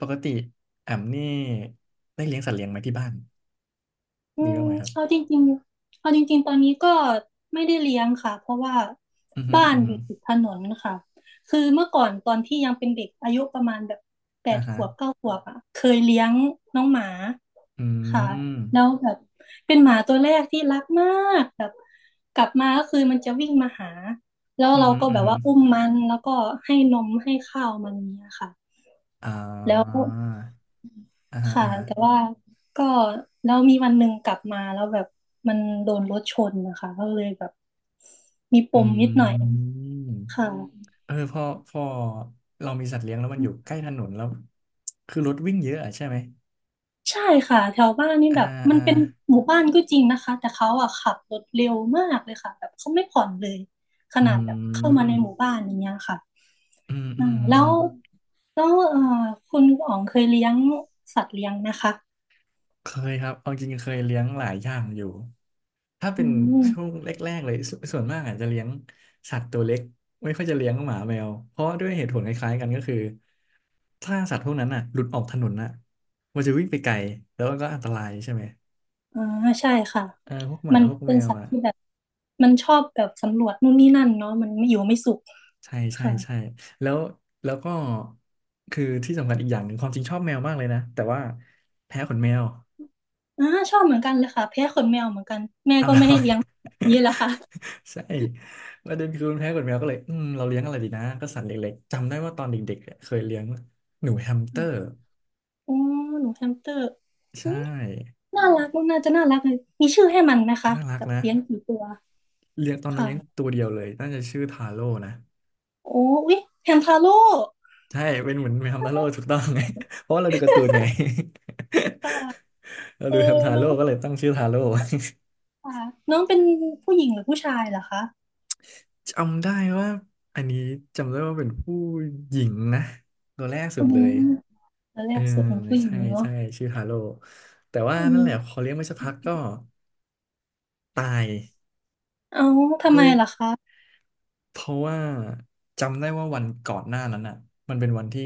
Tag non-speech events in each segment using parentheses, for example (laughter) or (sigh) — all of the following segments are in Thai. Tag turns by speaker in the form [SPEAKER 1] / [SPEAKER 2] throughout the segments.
[SPEAKER 1] ปกติแอมนี่ได้เลี้ยงสัตว์เลี้ยงไหมที่บ้าน
[SPEAKER 2] อื
[SPEAKER 1] มี
[SPEAKER 2] ม
[SPEAKER 1] บ้างไหมครับ
[SPEAKER 2] เอาจริงๆเอาจริงๆตอนนี้ก็ไม่ได้เลี้ยงค่ะเพราะว่า
[SPEAKER 1] อือฮึ
[SPEAKER 2] บ้าน
[SPEAKER 1] อือ
[SPEAKER 2] อ
[SPEAKER 1] ฮึ
[SPEAKER 2] ยู่ติดถนนค่ะคือเมื่อก่อนตอนที่ยังเป็นเด็กอายุประมาณแบบแป
[SPEAKER 1] อ่า
[SPEAKER 2] ดข
[SPEAKER 1] ฮะ
[SPEAKER 2] วบเก้าขวบอ่ะเคยเลี้ยงน้องหมา
[SPEAKER 1] อื
[SPEAKER 2] ค่ะ
[SPEAKER 1] ม
[SPEAKER 2] แล้วแบบเป็นหมาตัวแรกที่รักมากแบบกลับมาก็คือมันจะวิ่งมาหาแล้ว
[SPEAKER 1] อือ
[SPEAKER 2] เรา
[SPEAKER 1] ฮึ
[SPEAKER 2] ก็
[SPEAKER 1] อื
[SPEAKER 2] แบ
[SPEAKER 1] อ
[SPEAKER 2] บ
[SPEAKER 1] ฮึ
[SPEAKER 2] ว่าอุ้มมันแล้วก็ให้นมให้ข้าวมันเนี่ยค่ะ
[SPEAKER 1] อ่
[SPEAKER 2] แล้ว
[SPEAKER 1] าอ่าฮะ
[SPEAKER 2] ค่ะ
[SPEAKER 1] อ่าฮะ
[SPEAKER 2] แต่ว่าก็แล้วมีวันหนึ่งกลับมาแล้วแบบมันโดนรถชนนะคะก็เลยแบบมีป
[SPEAKER 1] อื
[SPEAKER 2] มนิดหน่อย
[SPEAKER 1] ม
[SPEAKER 2] ค่ะ
[SPEAKER 1] เออพอพอเรามีสัตว์เลี้ยงแล้วมันอยู่ใกล้ถนนแล้วคือรถวิ่งเยอะอะใช่ไหม
[SPEAKER 2] ใช่ค่ะแถวบ้านนี่
[SPEAKER 1] อ่า
[SPEAKER 2] แบบมัน
[SPEAKER 1] อ่า
[SPEAKER 2] เป็นหมู่บ้านก็จริงนะคะแต่เขาอะขับรถเร็วมากเลยค่ะแบบเขาไม่ผ่อนเลยข
[SPEAKER 1] อื
[SPEAKER 2] นาดแบบเข้ามาในหมู่
[SPEAKER 1] ม
[SPEAKER 2] บ้านอย่างเงี้ยค่ะ
[SPEAKER 1] อืมอื
[SPEAKER 2] อ่า
[SPEAKER 1] ม
[SPEAKER 2] แล้
[SPEAKER 1] อืม
[SPEAKER 2] วแล้วคุณอ๋องเคยเลี้ยงสัตว์เลี้ยงนะคะ
[SPEAKER 1] เคยครับเอาจริงๆเคยเลี้ยงหลายอย่างอยู่ถ้าเป็
[SPEAKER 2] อื
[SPEAKER 1] นช่วง
[SPEAKER 2] ม
[SPEAKER 1] แรกๆเลยส่วนมากอาจจะเลี้ยงสัตว์ตัวเล็กไม่ค่อยจะเลี้ยงหมาแมวเพราะด้วยเหตุผลคล้ายๆกันก็คือถ้าสัตว์พวกนั้นน่ะหลุดออกถนนน่ะมันจะวิ่งไปไกลแล้วมันก็อันตรายใช่ไหม
[SPEAKER 2] อ่าใช่ค่ะ
[SPEAKER 1] เออพวกหมา
[SPEAKER 2] มัน
[SPEAKER 1] พวก
[SPEAKER 2] เป็
[SPEAKER 1] แม
[SPEAKER 2] น
[SPEAKER 1] ว
[SPEAKER 2] สัตว์
[SPEAKER 1] อ่ะ
[SPEAKER 2] ที่แบบมันชอบแบบสำรวจนู่นนี่นั่นเนาะมันไม่อยู่ไม่สุข
[SPEAKER 1] ใช่ใช่
[SPEAKER 2] ค่ะ
[SPEAKER 1] ใช่แล้วแล้วก็คือที่สำคัญอีกอย่างหนึ่งความจริงชอบแมวมากเลยนะแต่ว่าแพ้ขนแมว
[SPEAKER 2] อ่าชอบเหมือนกันเลยค่ะแพ้ขนแมวเหมือนกันแม่
[SPEAKER 1] เอา
[SPEAKER 2] ก็
[SPEAKER 1] และ
[SPEAKER 2] ไม่ให้เลี้ยงนี่แหละค่ะ
[SPEAKER 1] (laughs) ใช่ประเด็นคือมันแพ้ขนแมวก็เลยอืมเราเลี้ยงอะไรดีนะก็สัตว์เล็กๆจำได้ว่าตอนเด็กๆเนี่ยเคยเลี้ยงหนูแฮมสเตอร์
[SPEAKER 2] อ๋อหนูแฮมสเตอร์
[SPEAKER 1] ใช่
[SPEAKER 2] อุ้ยน่ารักน่าจะน่ารักเลยมีชื่อให้มันไหมคะ
[SPEAKER 1] น่ารัก
[SPEAKER 2] แบบ
[SPEAKER 1] นะ
[SPEAKER 2] เลี้ยงกี่ตัว
[SPEAKER 1] เลี้ยงตอนนั้นเลี้ยง
[SPEAKER 2] ค่ะ
[SPEAKER 1] ตัวเดียวเลยน่าจะชื่อทาโร่นะ
[SPEAKER 2] โอ้อุ้ยแฮมทาโร่
[SPEAKER 1] ใช่เป็นเหมือนแมวทาโร่ถูกต้องไง (laughs) เพราะว่าเราดูการ์ตูนไง (laughs)
[SPEAKER 2] ค่ะ
[SPEAKER 1] เรา
[SPEAKER 2] เออ
[SPEAKER 1] ดูแฮมทา
[SPEAKER 2] เน้อ
[SPEAKER 1] โร่
[SPEAKER 2] ง
[SPEAKER 1] ก็เลยตั้งชื่อทาโร่
[SPEAKER 2] ค่ะน้องเป็นผู้หญิงหรือผู้ชายเหรอคะ
[SPEAKER 1] (laughs) จำได้ว่าอันนี้จำได้ว่าเป็นผู้หญิงนะตัวแรกสุ
[SPEAKER 2] อื
[SPEAKER 1] ดเล
[SPEAKER 2] ม
[SPEAKER 1] ย
[SPEAKER 2] ตอนแร
[SPEAKER 1] เออ
[SPEAKER 2] กสุดเป็นผู้หญิง
[SPEAKER 1] ใช่
[SPEAKER 2] เนาะ
[SPEAKER 1] ใช่ชื่อฮาโลแต่ว่า
[SPEAKER 2] อื
[SPEAKER 1] นั่นแหละพ
[SPEAKER 2] ม
[SPEAKER 1] อเลี้ยงไปสักพักก็ตาย
[SPEAKER 2] เอาทำไม
[SPEAKER 1] ด้วย
[SPEAKER 2] ล่ะคะ
[SPEAKER 1] เพราะว่าจำได้ว่าวันก่อนหน้านั้นอ่ะมันเป็นวันที่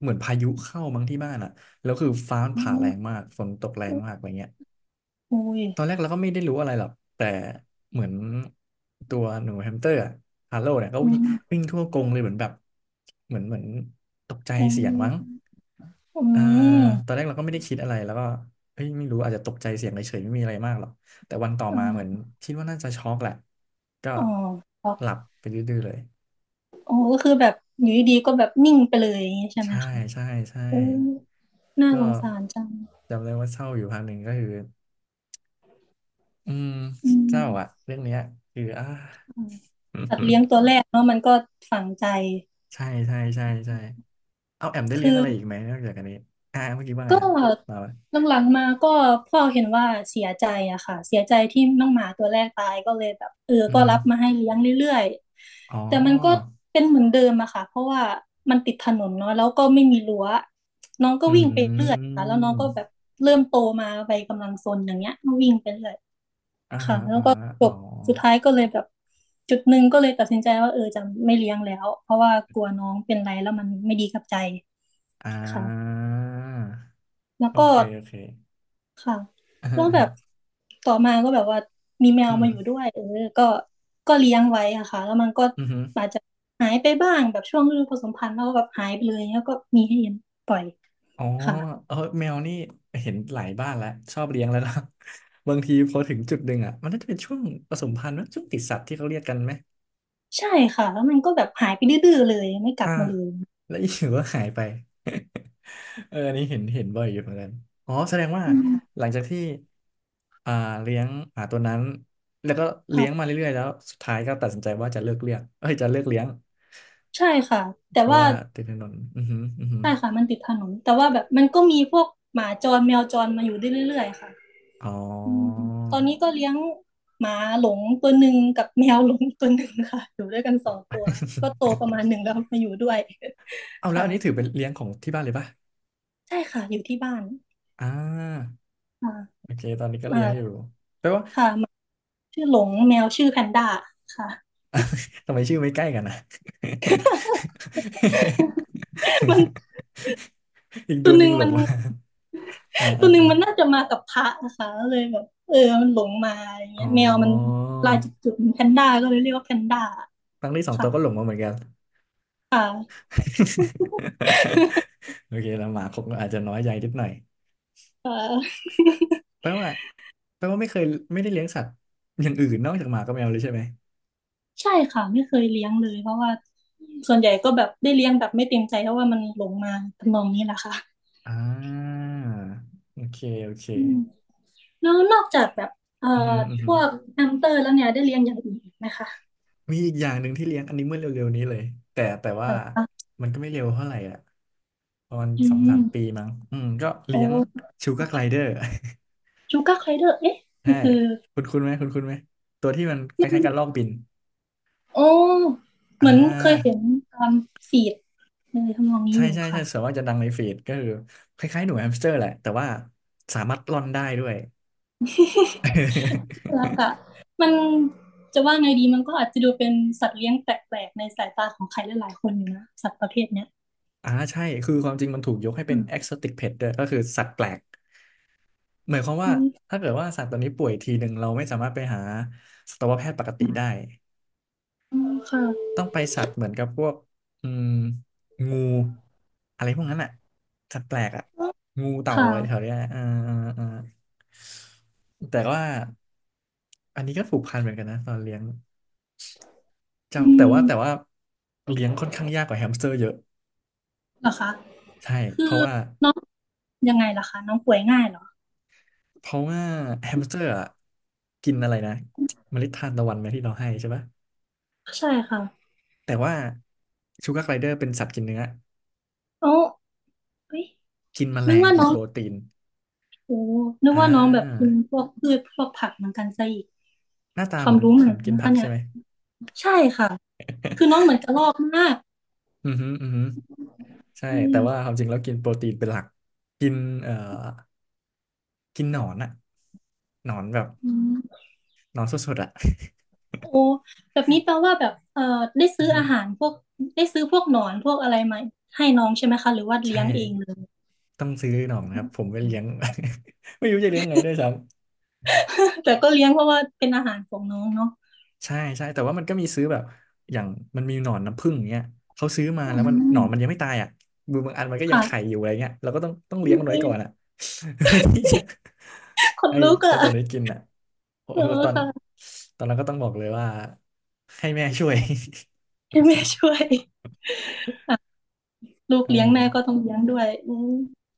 [SPEAKER 1] เหมือนพายุเข้ามั้งที่บ้านอ่ะแล้วคือฟ้ามัน
[SPEAKER 2] อื
[SPEAKER 1] ผ่าแรง
[SPEAKER 2] ม
[SPEAKER 1] มากฝนตกแรงมากอะไรเงี้ย
[SPEAKER 2] อุ้ย
[SPEAKER 1] ตอนแรกเราก็ไม่ได้รู้อะไรหรอกแต่เหมือนตัวหนูแฮมสเตอร์อะฮาโลเนี่ยก็
[SPEAKER 2] อื
[SPEAKER 1] วิ่ง
[SPEAKER 2] ม
[SPEAKER 1] วิ่งทั่วกรงเลยเหมือนแบบเหมือนตกใจ
[SPEAKER 2] อื
[SPEAKER 1] เสียงมั้ง
[SPEAKER 2] มอื
[SPEAKER 1] อ่าตอน
[SPEAKER 2] ม
[SPEAKER 1] แรกเราก็ไม่ได้คิดอะไร แล้วก็เอ้ยไม่รู้อาจจะตกใจเสียงเฉยๆไม่มีอะไรมากหรอกแต่วันต่อ
[SPEAKER 2] อื
[SPEAKER 1] มาเหมือน
[SPEAKER 2] ม
[SPEAKER 1] คิดว่าน่าจะช็อกแหละ ก็
[SPEAKER 2] อ๋อครับ
[SPEAKER 1] หลับไปดื้อๆเลย
[SPEAKER 2] อ๋อก็คือแบบอยู่ดีๆก็แบบนิ่งไปเลยอย่างนี้ใช่ไหม
[SPEAKER 1] ใช่
[SPEAKER 2] คะ
[SPEAKER 1] ใช่ใช่
[SPEAKER 2] เออน่า
[SPEAKER 1] ก็
[SPEAKER 2] สงสารจัง
[SPEAKER 1] จำได้ว่าเศร้าอยู่พักหนึ่งก็คืออืม
[SPEAKER 2] อื
[SPEAKER 1] เศ
[SPEAKER 2] ม
[SPEAKER 1] ร้าอะเรื่องเนี้ยคืออ่า
[SPEAKER 2] อืมสัตว์เลี้ยงตัว
[SPEAKER 1] (laughs)
[SPEAKER 2] แรกเนาะมันก็ฝังใจ
[SPEAKER 1] ใช่ใช่ใช่ใช่เอาแอมได้
[SPEAKER 2] คื
[SPEAKER 1] เลี้ยง
[SPEAKER 2] อ
[SPEAKER 1] อะไรอีกไหมนอกจากอันนี้เมื่อกี้ว่าไง
[SPEAKER 2] ก็
[SPEAKER 1] ครับมาปะ
[SPEAKER 2] หลังๆมาก็พ่อเห็นว่าเสียใจอะค่ะเสียใจที่น้องหมาตัวแรกตายก็เลยแบบเออ
[SPEAKER 1] อืม
[SPEAKER 2] ก็
[SPEAKER 1] อหือ
[SPEAKER 2] รับมาให้เลี้ยงเรื่อย
[SPEAKER 1] อ๋
[SPEAKER 2] ๆแต่มันก็
[SPEAKER 1] อ
[SPEAKER 2] เป็นเหมือนเดิมอะค่ะเพราะว่ามันติดถนนเนาะแล้วก็ไม่มีรั้วน้องก็
[SPEAKER 1] อื
[SPEAKER 2] วิ่งไปเรื่อยค่ะแล้วน้องก็แบ
[SPEAKER 1] ม
[SPEAKER 2] บเริ่มโตมาไปกำลังซนอย่างเงี้ยก็วิ่งไปเรื่อย
[SPEAKER 1] อ่า
[SPEAKER 2] ค่ะ
[SPEAKER 1] ฮะ
[SPEAKER 2] แล้ว
[SPEAKER 1] อ่า
[SPEAKER 2] ก็
[SPEAKER 1] ฮะ
[SPEAKER 2] จ
[SPEAKER 1] อ๋อ
[SPEAKER 2] บสุดท้ายก็เลยแบบจุดหนึ่งก็เลยตัดสินใจว่าเออจะไม่เลี้ยงแล้วเพราะว่ากลัวน้องเป็นไรแล้วมันไม่ดีกับใจ
[SPEAKER 1] อ่
[SPEAKER 2] ค่ะ
[SPEAKER 1] า
[SPEAKER 2] แล้ว
[SPEAKER 1] โอ
[SPEAKER 2] ก็
[SPEAKER 1] เคโอเค
[SPEAKER 2] ค่ะ
[SPEAKER 1] (laughs) อ่า
[SPEAKER 2] แล้วแบบต่อมาก็แบบว่ามีแม
[SPEAKER 1] อื
[SPEAKER 2] ว
[SPEAKER 1] ม
[SPEAKER 2] มาอยู่ด้วยเออก็ก็เลี้ยงไว้อะค่ะแล้วมันก็
[SPEAKER 1] อืมอม
[SPEAKER 2] อาจจะหายไปบ้างแบบช่วงฤดูผสมพันธุ์แล้วก็แบบหายไปเลยแล้วก็มีให้เห็นปล่อย
[SPEAKER 1] อ๋อ
[SPEAKER 2] ค่ะ
[SPEAKER 1] เออแมวนี่เห็นหลายบ้านแล้วชอบเลี้ยงแล้วนะ (laughs) บางทีพอถึงจุดหนึ่งอ่ะมันน่าจะเป็นช่วงผสมพันธุ์นะช่วงติดสัตว์ที่เขาเรียกกันไหม
[SPEAKER 2] ใช่ค่ะแล้วมันก็แบบหายไปดื้อๆเลยไม่กลั
[SPEAKER 1] อ่า
[SPEAKER 2] บมาเลย
[SPEAKER 1] แล้วอยู่ก็หายไป (laughs) เอออันนี้เห็นเห็นบ่อยอยู่เหมือนกันอ๋อแสดงว่า
[SPEAKER 2] อืม
[SPEAKER 1] หลังจากที่อ่าเลี้ยงตัวนั้นแล้วก็เลี้ยงมา
[SPEAKER 2] ค่ะ
[SPEAKER 1] เรื่อยๆแล้วสุดท้ายก็ตัดสินใจว่าจะเลิกเลี้ยงเอ้ยจะเลิกเลี้ยง
[SPEAKER 2] ใช่ค่ะแต่
[SPEAKER 1] เพราะ
[SPEAKER 2] ว่า
[SPEAKER 1] ว่าติดถนนอือหืออือหือ
[SPEAKER 2] ใช่ค่ะมันติดถนนแต่ว่าแบบมันก็มีพวกหมาจรแมวจรมาอยู่ได้เรื่อยๆค่ะ
[SPEAKER 1] อ๋อ
[SPEAKER 2] อืมตอนนี้ก็เลี้ยงหมาหลงตัวหนึ่งกับแมวหลงตัวหนึ่งค่ะ (laughs) อยู่ด้วยกันสองตัวก็โต
[SPEAKER 1] (laughs)
[SPEAKER 2] ประมาณหนึ่งแล้วมาอยู่ด้วย
[SPEAKER 1] เอา
[SPEAKER 2] (laughs)
[SPEAKER 1] แล้ว
[SPEAKER 2] ค่ะ
[SPEAKER 1] อันนี้ถือเป็นเลี้ยงของที่บ้านเลยป่ะ
[SPEAKER 2] ใช่ค่ะอยู่ที่บ้าน
[SPEAKER 1] อ่า
[SPEAKER 2] ค่ะ
[SPEAKER 1] โอเคตอนนี้ก็เลี้
[SPEAKER 2] มา
[SPEAKER 1] ยงอยู่แปลว่า
[SPEAKER 2] ชื่อหลงแมวชื่อแพนด้าค่ะ
[SPEAKER 1] ทำไมชื่อไม่ใกล้กันนะ (laughs)
[SPEAKER 2] (laughs) มัน
[SPEAKER 1] อีก
[SPEAKER 2] ตั
[SPEAKER 1] ตั
[SPEAKER 2] ว
[SPEAKER 1] ว
[SPEAKER 2] ห
[SPEAKER 1] หนึ่
[SPEAKER 2] นึ่
[SPEAKER 1] ง
[SPEAKER 2] ง
[SPEAKER 1] หล
[SPEAKER 2] มั
[SPEAKER 1] ง
[SPEAKER 2] น
[SPEAKER 1] มาอ่า
[SPEAKER 2] ตั
[SPEAKER 1] อ่า
[SPEAKER 2] วหนึ่ง
[SPEAKER 1] อ่า
[SPEAKER 2] มันน่าจะมากับพระนะคะเลยแบบเออมันหลงมาอย่าง
[SPEAKER 1] อ๋
[SPEAKER 2] เงี้ยแมวมัน
[SPEAKER 1] อ
[SPEAKER 2] ลายจุดๆเหมือนแพนด้าก็เลยเรียกว่าแพนด้า
[SPEAKER 1] ตั้งที่สองตั
[SPEAKER 2] ค่ะ
[SPEAKER 1] วก็หลงมาเหมือนกัน
[SPEAKER 2] ค่ะ
[SPEAKER 1] (laughs) โอเคแล้วหมาคงอาจจะน้อยใจนิดหน่อย
[SPEAKER 2] เออ
[SPEAKER 1] แปลว่าแปลว่าไม่เคยไม่ได้เลี้ยงสัตว์อย่างอื่นนอกจากหมากับแมวเลยใช่ไหม
[SPEAKER 2] ใช่ค่ะไม่เคยเลี้ยงเลยเพราะว่าส่วนใหญ่ก็แบบได้เลี้ยงแบบไม่เต็มใจเพราะว่ามันหลงมาทำนองนี้แหละค่ะ
[SPEAKER 1] อ่าโอเคโอเค
[SPEAKER 2] อืมแล้วนอกจากแบบเอ่อ
[SPEAKER 1] อืมอ
[SPEAKER 2] พ
[SPEAKER 1] หืม
[SPEAKER 2] วกแฮมสเตอร์แล้วเนี่ยได้เลี้ยงอย่างอื่นอีกไหมคะ
[SPEAKER 1] มีอีกอย่างหนึ่งที่เลี้ยงอันนี้เมื่อเร็วๆนี้เลยแต่ว่า
[SPEAKER 2] เออ
[SPEAKER 1] มันก็ไม่เร็วเท่าไหร่อ่ะประมาณ
[SPEAKER 2] อื
[SPEAKER 1] สองสามปี
[SPEAKER 2] ม
[SPEAKER 1] มั้งอืมก็
[SPEAKER 2] โอ้
[SPEAKER 1] เลี้ยงชูการ์ไกลเดอร์
[SPEAKER 2] ชูกาไคเดอร์เอ๊ะ
[SPEAKER 1] (laughs) ใช่
[SPEAKER 2] ก็คือ
[SPEAKER 1] คุณคุณไหมคุณคุณไหมตัวที่มันคล้ายๆกันลอกบิน
[SPEAKER 2] โอ้เห
[SPEAKER 1] อ่
[SPEAKER 2] มือนเคยเห็
[SPEAKER 1] า
[SPEAKER 2] นตามฟีดในทำนองนี้
[SPEAKER 1] ใช่
[SPEAKER 2] อยู่
[SPEAKER 1] ใช่ใช่
[SPEAKER 2] ค่ะ
[SPEAKER 1] ส่วนว่ากจะดังในฟีดก็คือคล้ายๆหนูแฮมสเตอร์แหละแต่ว่าสามารถร่อนได้ด้วย
[SPEAKER 2] (laughs) แล้วก็มันจะว่าไงดีมันก็อาจจะดูเป็นสัตว์เลี้ยงแปลกๆในสายตาของใครหลายๆคนอยู่นะสัตว์ประเภทเนี้ย
[SPEAKER 1] (laughs) อ่าใช่คือความจริงมันถูกยกให้เป็น exotic pet ด้วยก็คือสัตว์แปลก หมายความว่า
[SPEAKER 2] อืม
[SPEAKER 1] ถ้าเกิดว่าสัตว์ตัวนี้ป่วยทีหนึ่งเราไม่สามารถไปหาสัตวแพทย์ปกติได้
[SPEAKER 2] อืมค่ะ
[SPEAKER 1] ต้องไปสัตว์เหมือนกับพวกอืมงูอะไรพวกนั้นอ่ะสัตว์แปลกอ่ะงู
[SPEAKER 2] ค
[SPEAKER 1] เต่าอะไรแถว
[SPEAKER 2] ่ะ
[SPEAKER 1] เนี้ยอ่าอ่าอ่าแต่ว่าอันนี้ก็ผูกพันเหมือนกันนะตอนเลี้ยง
[SPEAKER 2] อื
[SPEAKER 1] จำแต่ว่า
[SPEAKER 2] ม
[SPEAKER 1] แต่ว่าเลี้ยงค่อนข้างยากกว่าแฮมสเตอร์เยอะ
[SPEAKER 2] เหรอคะ
[SPEAKER 1] ใช่เพ
[SPEAKER 2] คือ
[SPEAKER 1] ราะว่า
[SPEAKER 2] น้องยังไงล่ะคะน้องป่วยง่ายเหรอ
[SPEAKER 1] เพราะว่าแฮมสเตอร์อะกินอะไรนะเมล็ดทานตะวันไหมที่เราให้ใช่ปะ
[SPEAKER 2] ใช่ค่ะ
[SPEAKER 1] แต่ว่าชูการ์ไกลเดอร์เป็นสัตว์กินเนื้อ
[SPEAKER 2] เอ้เฮ้ย
[SPEAKER 1] กินแมล
[SPEAKER 2] นึก
[SPEAKER 1] ง
[SPEAKER 2] ว่า
[SPEAKER 1] กิ
[SPEAKER 2] น้
[SPEAKER 1] น
[SPEAKER 2] อ
[SPEAKER 1] โป
[SPEAKER 2] ง
[SPEAKER 1] รตีน
[SPEAKER 2] โอ้นึก
[SPEAKER 1] อ่
[SPEAKER 2] ว่าน้องแบบ
[SPEAKER 1] า
[SPEAKER 2] กินพวกพืชพวกผักเหมือนกันซะอีก
[SPEAKER 1] หน้าตา
[SPEAKER 2] ควา
[SPEAKER 1] เห
[SPEAKER 2] ม
[SPEAKER 1] มือน
[SPEAKER 2] รู้ให
[SPEAKER 1] เห
[SPEAKER 2] ม่
[SPEAKER 1] มือนกิน
[SPEAKER 2] นะ
[SPEAKER 1] ผั
[SPEAKER 2] คะ
[SPEAKER 1] ก
[SPEAKER 2] เนี่
[SPEAKER 1] ใช่
[SPEAKER 2] ย
[SPEAKER 1] ไหม
[SPEAKER 2] ใช่ค่ะ คือน้องเหมือนกระรอกมาก
[SPEAKER 1] อือฮึอือฮึใช่
[SPEAKER 2] อื
[SPEAKER 1] แต่
[SPEAKER 2] ม
[SPEAKER 1] ว่าความจริงแล้วกินโปรตีนเป็นหลัก กินเอ่อกินหนอนอะหนอนแบบ
[SPEAKER 2] อืม
[SPEAKER 1] หนอนสดๆอะ
[SPEAKER 2] โอ้แบบนี้แปลว่าแบบได้
[SPEAKER 1] อื
[SPEAKER 2] ซื้
[SPEAKER 1] อ
[SPEAKER 2] อ
[SPEAKER 1] ฮึ
[SPEAKER 2] อาหารพวกได้ซื้อพวกหนอนพวกอะไรมาให้น้องใช่ไหมคะหรือว่าเลี้ย
[SPEAKER 1] ใช่
[SPEAKER 2] งเองเลย
[SPEAKER 1] ต้องซื้อหนอนนะครับ ผมไม่เลี้ยง (laughs) ไม่รู้จะเลี้ยงไงด้วยซ้ำ
[SPEAKER 2] (laughs) แต่ก็เลี้ยงเพราะว่าเป็นอาหารของน้องเนาะ
[SPEAKER 1] ใช่ใช่แต่ว่ามันก็มีซื้อแบบอย่างมันมีหนอนน้ำผึ้งอย่างเงี้ยเขาซื้อมาแล้
[SPEAKER 2] อื
[SPEAKER 1] วมันหน
[SPEAKER 2] ม
[SPEAKER 1] อนมันยังไม่ตายอ่ะบางอันมันก็ยังไข่อ
[SPEAKER 2] ค่ะ
[SPEAKER 1] ยู่อะไรเงี้ยเราก็ต้องเลี้ยงมันไว้ก่อนอ่ะ (laughs) เพื่อที่จะ
[SPEAKER 2] คน
[SPEAKER 1] ให้
[SPEAKER 2] ลุก
[SPEAKER 1] เจ้า
[SPEAKER 2] อ่ะ
[SPEAKER 1] ตัวนี้กินอ่ะโอ้
[SPEAKER 2] เออ
[SPEAKER 1] โหตอน
[SPEAKER 2] ค่ะ
[SPEAKER 1] ตอนนั้นก็ต้องบอกเลยว่าให้แม่ช่วย
[SPEAKER 2] ให้แม่ช่วยค่ะลูก
[SPEAKER 1] (laughs) เออ
[SPEAKER 2] เลี้ยงแม่ก็ต้องเลี้ยงด้วยอืม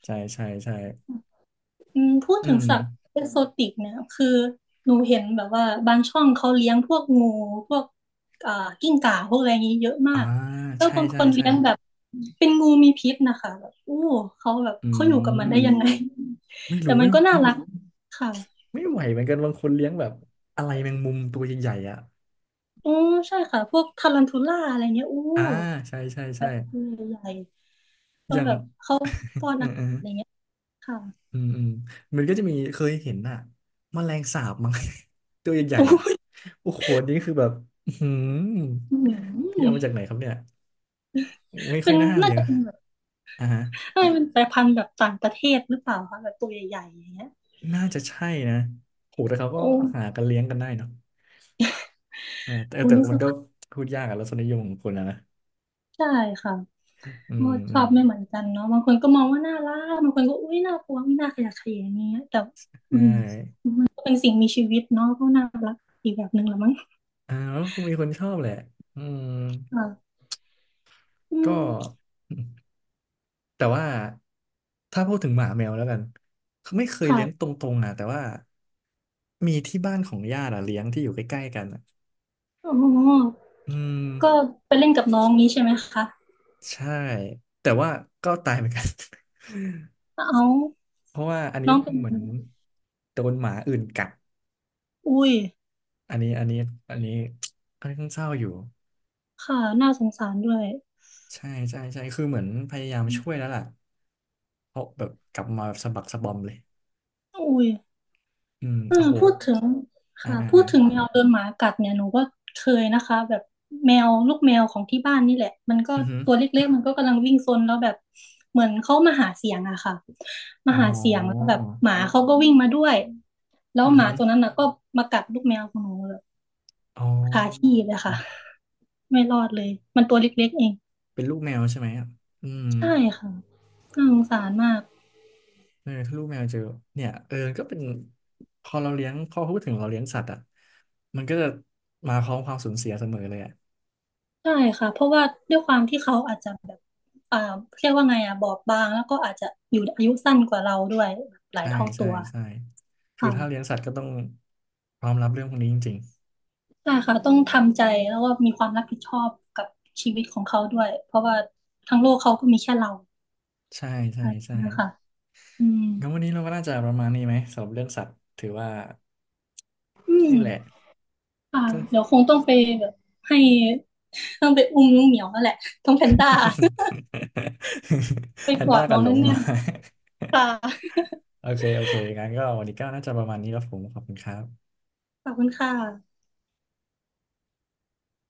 [SPEAKER 1] ใช่ใช่ใช่
[SPEAKER 2] อืมพูด
[SPEAKER 1] อื
[SPEAKER 2] ถึง
[SPEAKER 1] ม
[SPEAKER 2] สัตว์เอกโซติกเนี่ยคือหนูเห็นแบบว่าบางช่องเขาเลี้ยงพวกงูพวกอ่ากิ้งก่าพวกอะไรอย่างนี้เยอะ
[SPEAKER 1] อ่า
[SPEAKER 2] มากแล้ว
[SPEAKER 1] ใช่
[SPEAKER 2] บางค
[SPEAKER 1] ใช่
[SPEAKER 2] น
[SPEAKER 1] ใช่
[SPEAKER 2] เลี้ยงแบบเป็นงูมีพิษนะคะแบบอู้
[SPEAKER 1] อื
[SPEAKER 2] เขาอยู่กับมันได้ยังไง
[SPEAKER 1] มไม่
[SPEAKER 2] แต่
[SPEAKER 1] รู้
[SPEAKER 2] มั
[SPEAKER 1] ไม่
[SPEAKER 2] นก็น่ารักค่ะ
[SPEAKER 1] ไม่ไหวเหมือนกันบางคนเลี้ยงแบบอะไรแมงมุมตัวใหญ่ๆอ่ะ
[SPEAKER 2] อือใช่ค่ะพวกทารันทูล่าอะไรเงี้ยอู้
[SPEAKER 1] อ่าใช่ใช่
[SPEAKER 2] แบ
[SPEAKER 1] ใช่
[SPEAKER 2] บตัวใหญ่
[SPEAKER 1] อ
[SPEAKER 2] ก็
[SPEAKER 1] ย่าง
[SPEAKER 2] แบบเข้า
[SPEAKER 1] (laughs) เออเออ
[SPEAKER 2] อะไรเงี้ยค่ะ
[SPEAKER 1] อืมอืมมันก็จะมีเคยเห็นอะแมลงสาบมั้ง (laughs) ตัวใหญ่ๆอ่ะ
[SPEAKER 2] อู้
[SPEAKER 1] โอ้โหอันนี้คือแบบอื้อหืม
[SPEAKER 2] หื
[SPEAKER 1] พี่
[SPEAKER 2] อ
[SPEAKER 1] เอามาจากไหนครับเนี่ยไม่ค่
[SPEAKER 2] เป็
[SPEAKER 1] อย
[SPEAKER 2] น
[SPEAKER 1] น่าเลี้
[SPEAKER 2] น่า
[SPEAKER 1] ยง
[SPEAKER 2] จะเป็นแบบ
[SPEAKER 1] อ่าฮะ
[SPEAKER 2] น่าจะเป็นสายพันธุ์แบบต่างประเทศหรือเปล่าคะแบบตัวใหญ่ๆอย่างเงี้ย
[SPEAKER 1] น่าจะใช่นะโหแต่เขาก็
[SPEAKER 2] โอ้
[SPEAKER 1] หากันเลี้ยงกันได้เนาะเออแต่
[SPEAKER 2] โอ้
[SPEAKER 1] แต่
[SPEAKER 2] นึก
[SPEAKER 1] มั
[SPEAKER 2] ส
[SPEAKER 1] นก็
[SPEAKER 2] ภาพ
[SPEAKER 1] พูดยากอะรสนิยมของคนอะนะ
[SPEAKER 2] ใช่ค่ะ
[SPEAKER 1] อื
[SPEAKER 2] ก็
[SPEAKER 1] ม
[SPEAKER 2] ช
[SPEAKER 1] อื
[SPEAKER 2] อ
[SPEAKER 1] ม
[SPEAKER 2] บไม่เหมือนกันเนาะบางคนก็มองว่าน่ารักบางคนก็อุ้ยน่ากลัวอุ๊ยน่าขยะแขยงอย่างเงี้ยแต่
[SPEAKER 1] ใช
[SPEAKER 2] อืม
[SPEAKER 1] ่
[SPEAKER 2] ก็เป็นสิ่งมีชีวิตเนาะก็น่ารักอีกแบบหนึ่งละมั้ง
[SPEAKER 1] อ่าแล้วคงมีคนชอบแหละอืม
[SPEAKER 2] ค่ะอืม
[SPEAKER 1] ก็ แต่ว่าถ้าพูดถึงหมาแมวแล้วกันไม่เคยเลี้ยงต
[SPEAKER 2] ค่ะ
[SPEAKER 1] รงๆอ่ะแต่ว่ามีที่บ้านของญาติอ่ะเลี้ยงที่อยู่ใกล้ๆกันอ่ะ
[SPEAKER 2] อ๋อ
[SPEAKER 1] อืม
[SPEAKER 2] ก็ไปเล่นกับน้องนี้ใช่ไหมคะ
[SPEAKER 1] ใช่แต่ว่าก็ตายเหมือนกัน (laughs)
[SPEAKER 2] เอา
[SPEAKER 1] เพราะว่าอันนี้
[SPEAKER 2] น้องเป็น
[SPEAKER 1] เหมือนโดนหมาอื่นกัด
[SPEAKER 2] อุ้ย
[SPEAKER 1] อันนี้อันนี้อันนี้ค่อนข้างเศร้าอยู่
[SPEAKER 2] ค่ะน่าสงสารด้วย
[SPEAKER 1] ใช่ใช่ใช่คือเหมือนพยายามช่วยแล้วล่ะเพราะแบบกลับมาแบบสะบักสะบอมเลย
[SPEAKER 2] อุ้ย
[SPEAKER 1] อืม
[SPEAKER 2] เออ
[SPEAKER 1] โอ้โห
[SPEAKER 2] พูดถึง
[SPEAKER 1] อ่า
[SPEAKER 2] ค่ะ
[SPEAKER 1] อ่า
[SPEAKER 2] พู
[SPEAKER 1] อ่า
[SPEAKER 2] ดถึงแมวโดนหมากัดเนี่ยหนูก็เคยนะคะแบบแมวลูกแมวของที่บ้านนี่แหละมันก็
[SPEAKER 1] อือหือ
[SPEAKER 2] ตัวเล็กๆมันก็กำลังวิ่งซนแล้วแบบเหมือนเขามาหาเสียงอะค่ะมา
[SPEAKER 1] อ๋อ
[SPEAKER 2] หาเสียงแล้วแบบหมาเขาก็วิ่งมาด้วยแล้ว
[SPEAKER 1] อือ
[SPEAKER 2] หมา
[SPEAKER 1] หือ
[SPEAKER 2] ตัวนั้นน่ะก็มากัดลูกแมวของหนูแบบ
[SPEAKER 1] อ๋อ
[SPEAKER 2] คาที่เลยค่ะ ไม่รอดเลย มันตัวเล็กๆเอง
[SPEAKER 1] เป็นลูกแมวใช่ไหมอ่ะอืม
[SPEAKER 2] ใช่ค่ะน่าสงสารมาก
[SPEAKER 1] เออถ้าลูกแมวเจอเนี่ยเออก็เป็นพอเราเลี้ยงพอพูดถึงเราเลี้ยงสัตว์อ่ะมันก็จะมาพร้อมความสูญเสียเสมอเลยอ่ะ
[SPEAKER 2] ใช่ค่ะ เพราะว่าด้วยความที่เขาอาจจะแบบอ่าเรียกว่าไงอ่ะบอบบางแล้วก็อาจจะอยู่อายุสั้นกว่าเราด้วยแบบหลาย
[SPEAKER 1] ใช่
[SPEAKER 2] เท่า
[SPEAKER 1] ใช่
[SPEAKER 2] ตัว
[SPEAKER 1] ใช่คือถ้าเลี้ยง
[SPEAKER 2] ค่ะ
[SPEAKER 1] สัตว์ก็ต้องพร้อมรับเรื่องพวกนี้จริง
[SPEAKER 2] ใช่ค่ะต้องทำใจแล้วก็มีความรับผิดชอบกับชีวิตของเขาด้วย เพราะว่าทั้งโลกเขาก็มีแค่เรา
[SPEAKER 1] ๆใช่ ใช่
[SPEAKER 2] อะ
[SPEAKER 1] ใช่
[SPEAKER 2] ่คะอืม
[SPEAKER 1] งั้นวันนี้เราก็น่าจะประมาณนี้ไหมสำหรับเรื่องสัตว์ถือว่า
[SPEAKER 2] อืม
[SPEAKER 1] นี่แหละ
[SPEAKER 2] ค่ะเดี๋ยวคงต้องไปแบบให้ต้องไปอุ้มน้องเหมียวแล้วแหละ ต้องแพนด้า (laughs) ไป
[SPEAKER 1] (laughs) แพน
[SPEAKER 2] กอ
[SPEAKER 1] ด้า
[SPEAKER 2] ดน้
[SPEAKER 1] กับ
[SPEAKER 2] อง
[SPEAKER 1] หล
[SPEAKER 2] แน
[SPEAKER 1] งมหรอ
[SPEAKER 2] ่นๆ
[SPEAKER 1] (laughs)
[SPEAKER 2] ค่ะ
[SPEAKER 1] โอเคโอเคงั้นก็วันนี้ก็น่าจะประมาณนี้แล้วผมขอบคุณครับ
[SPEAKER 2] ขอบคุณค่ะ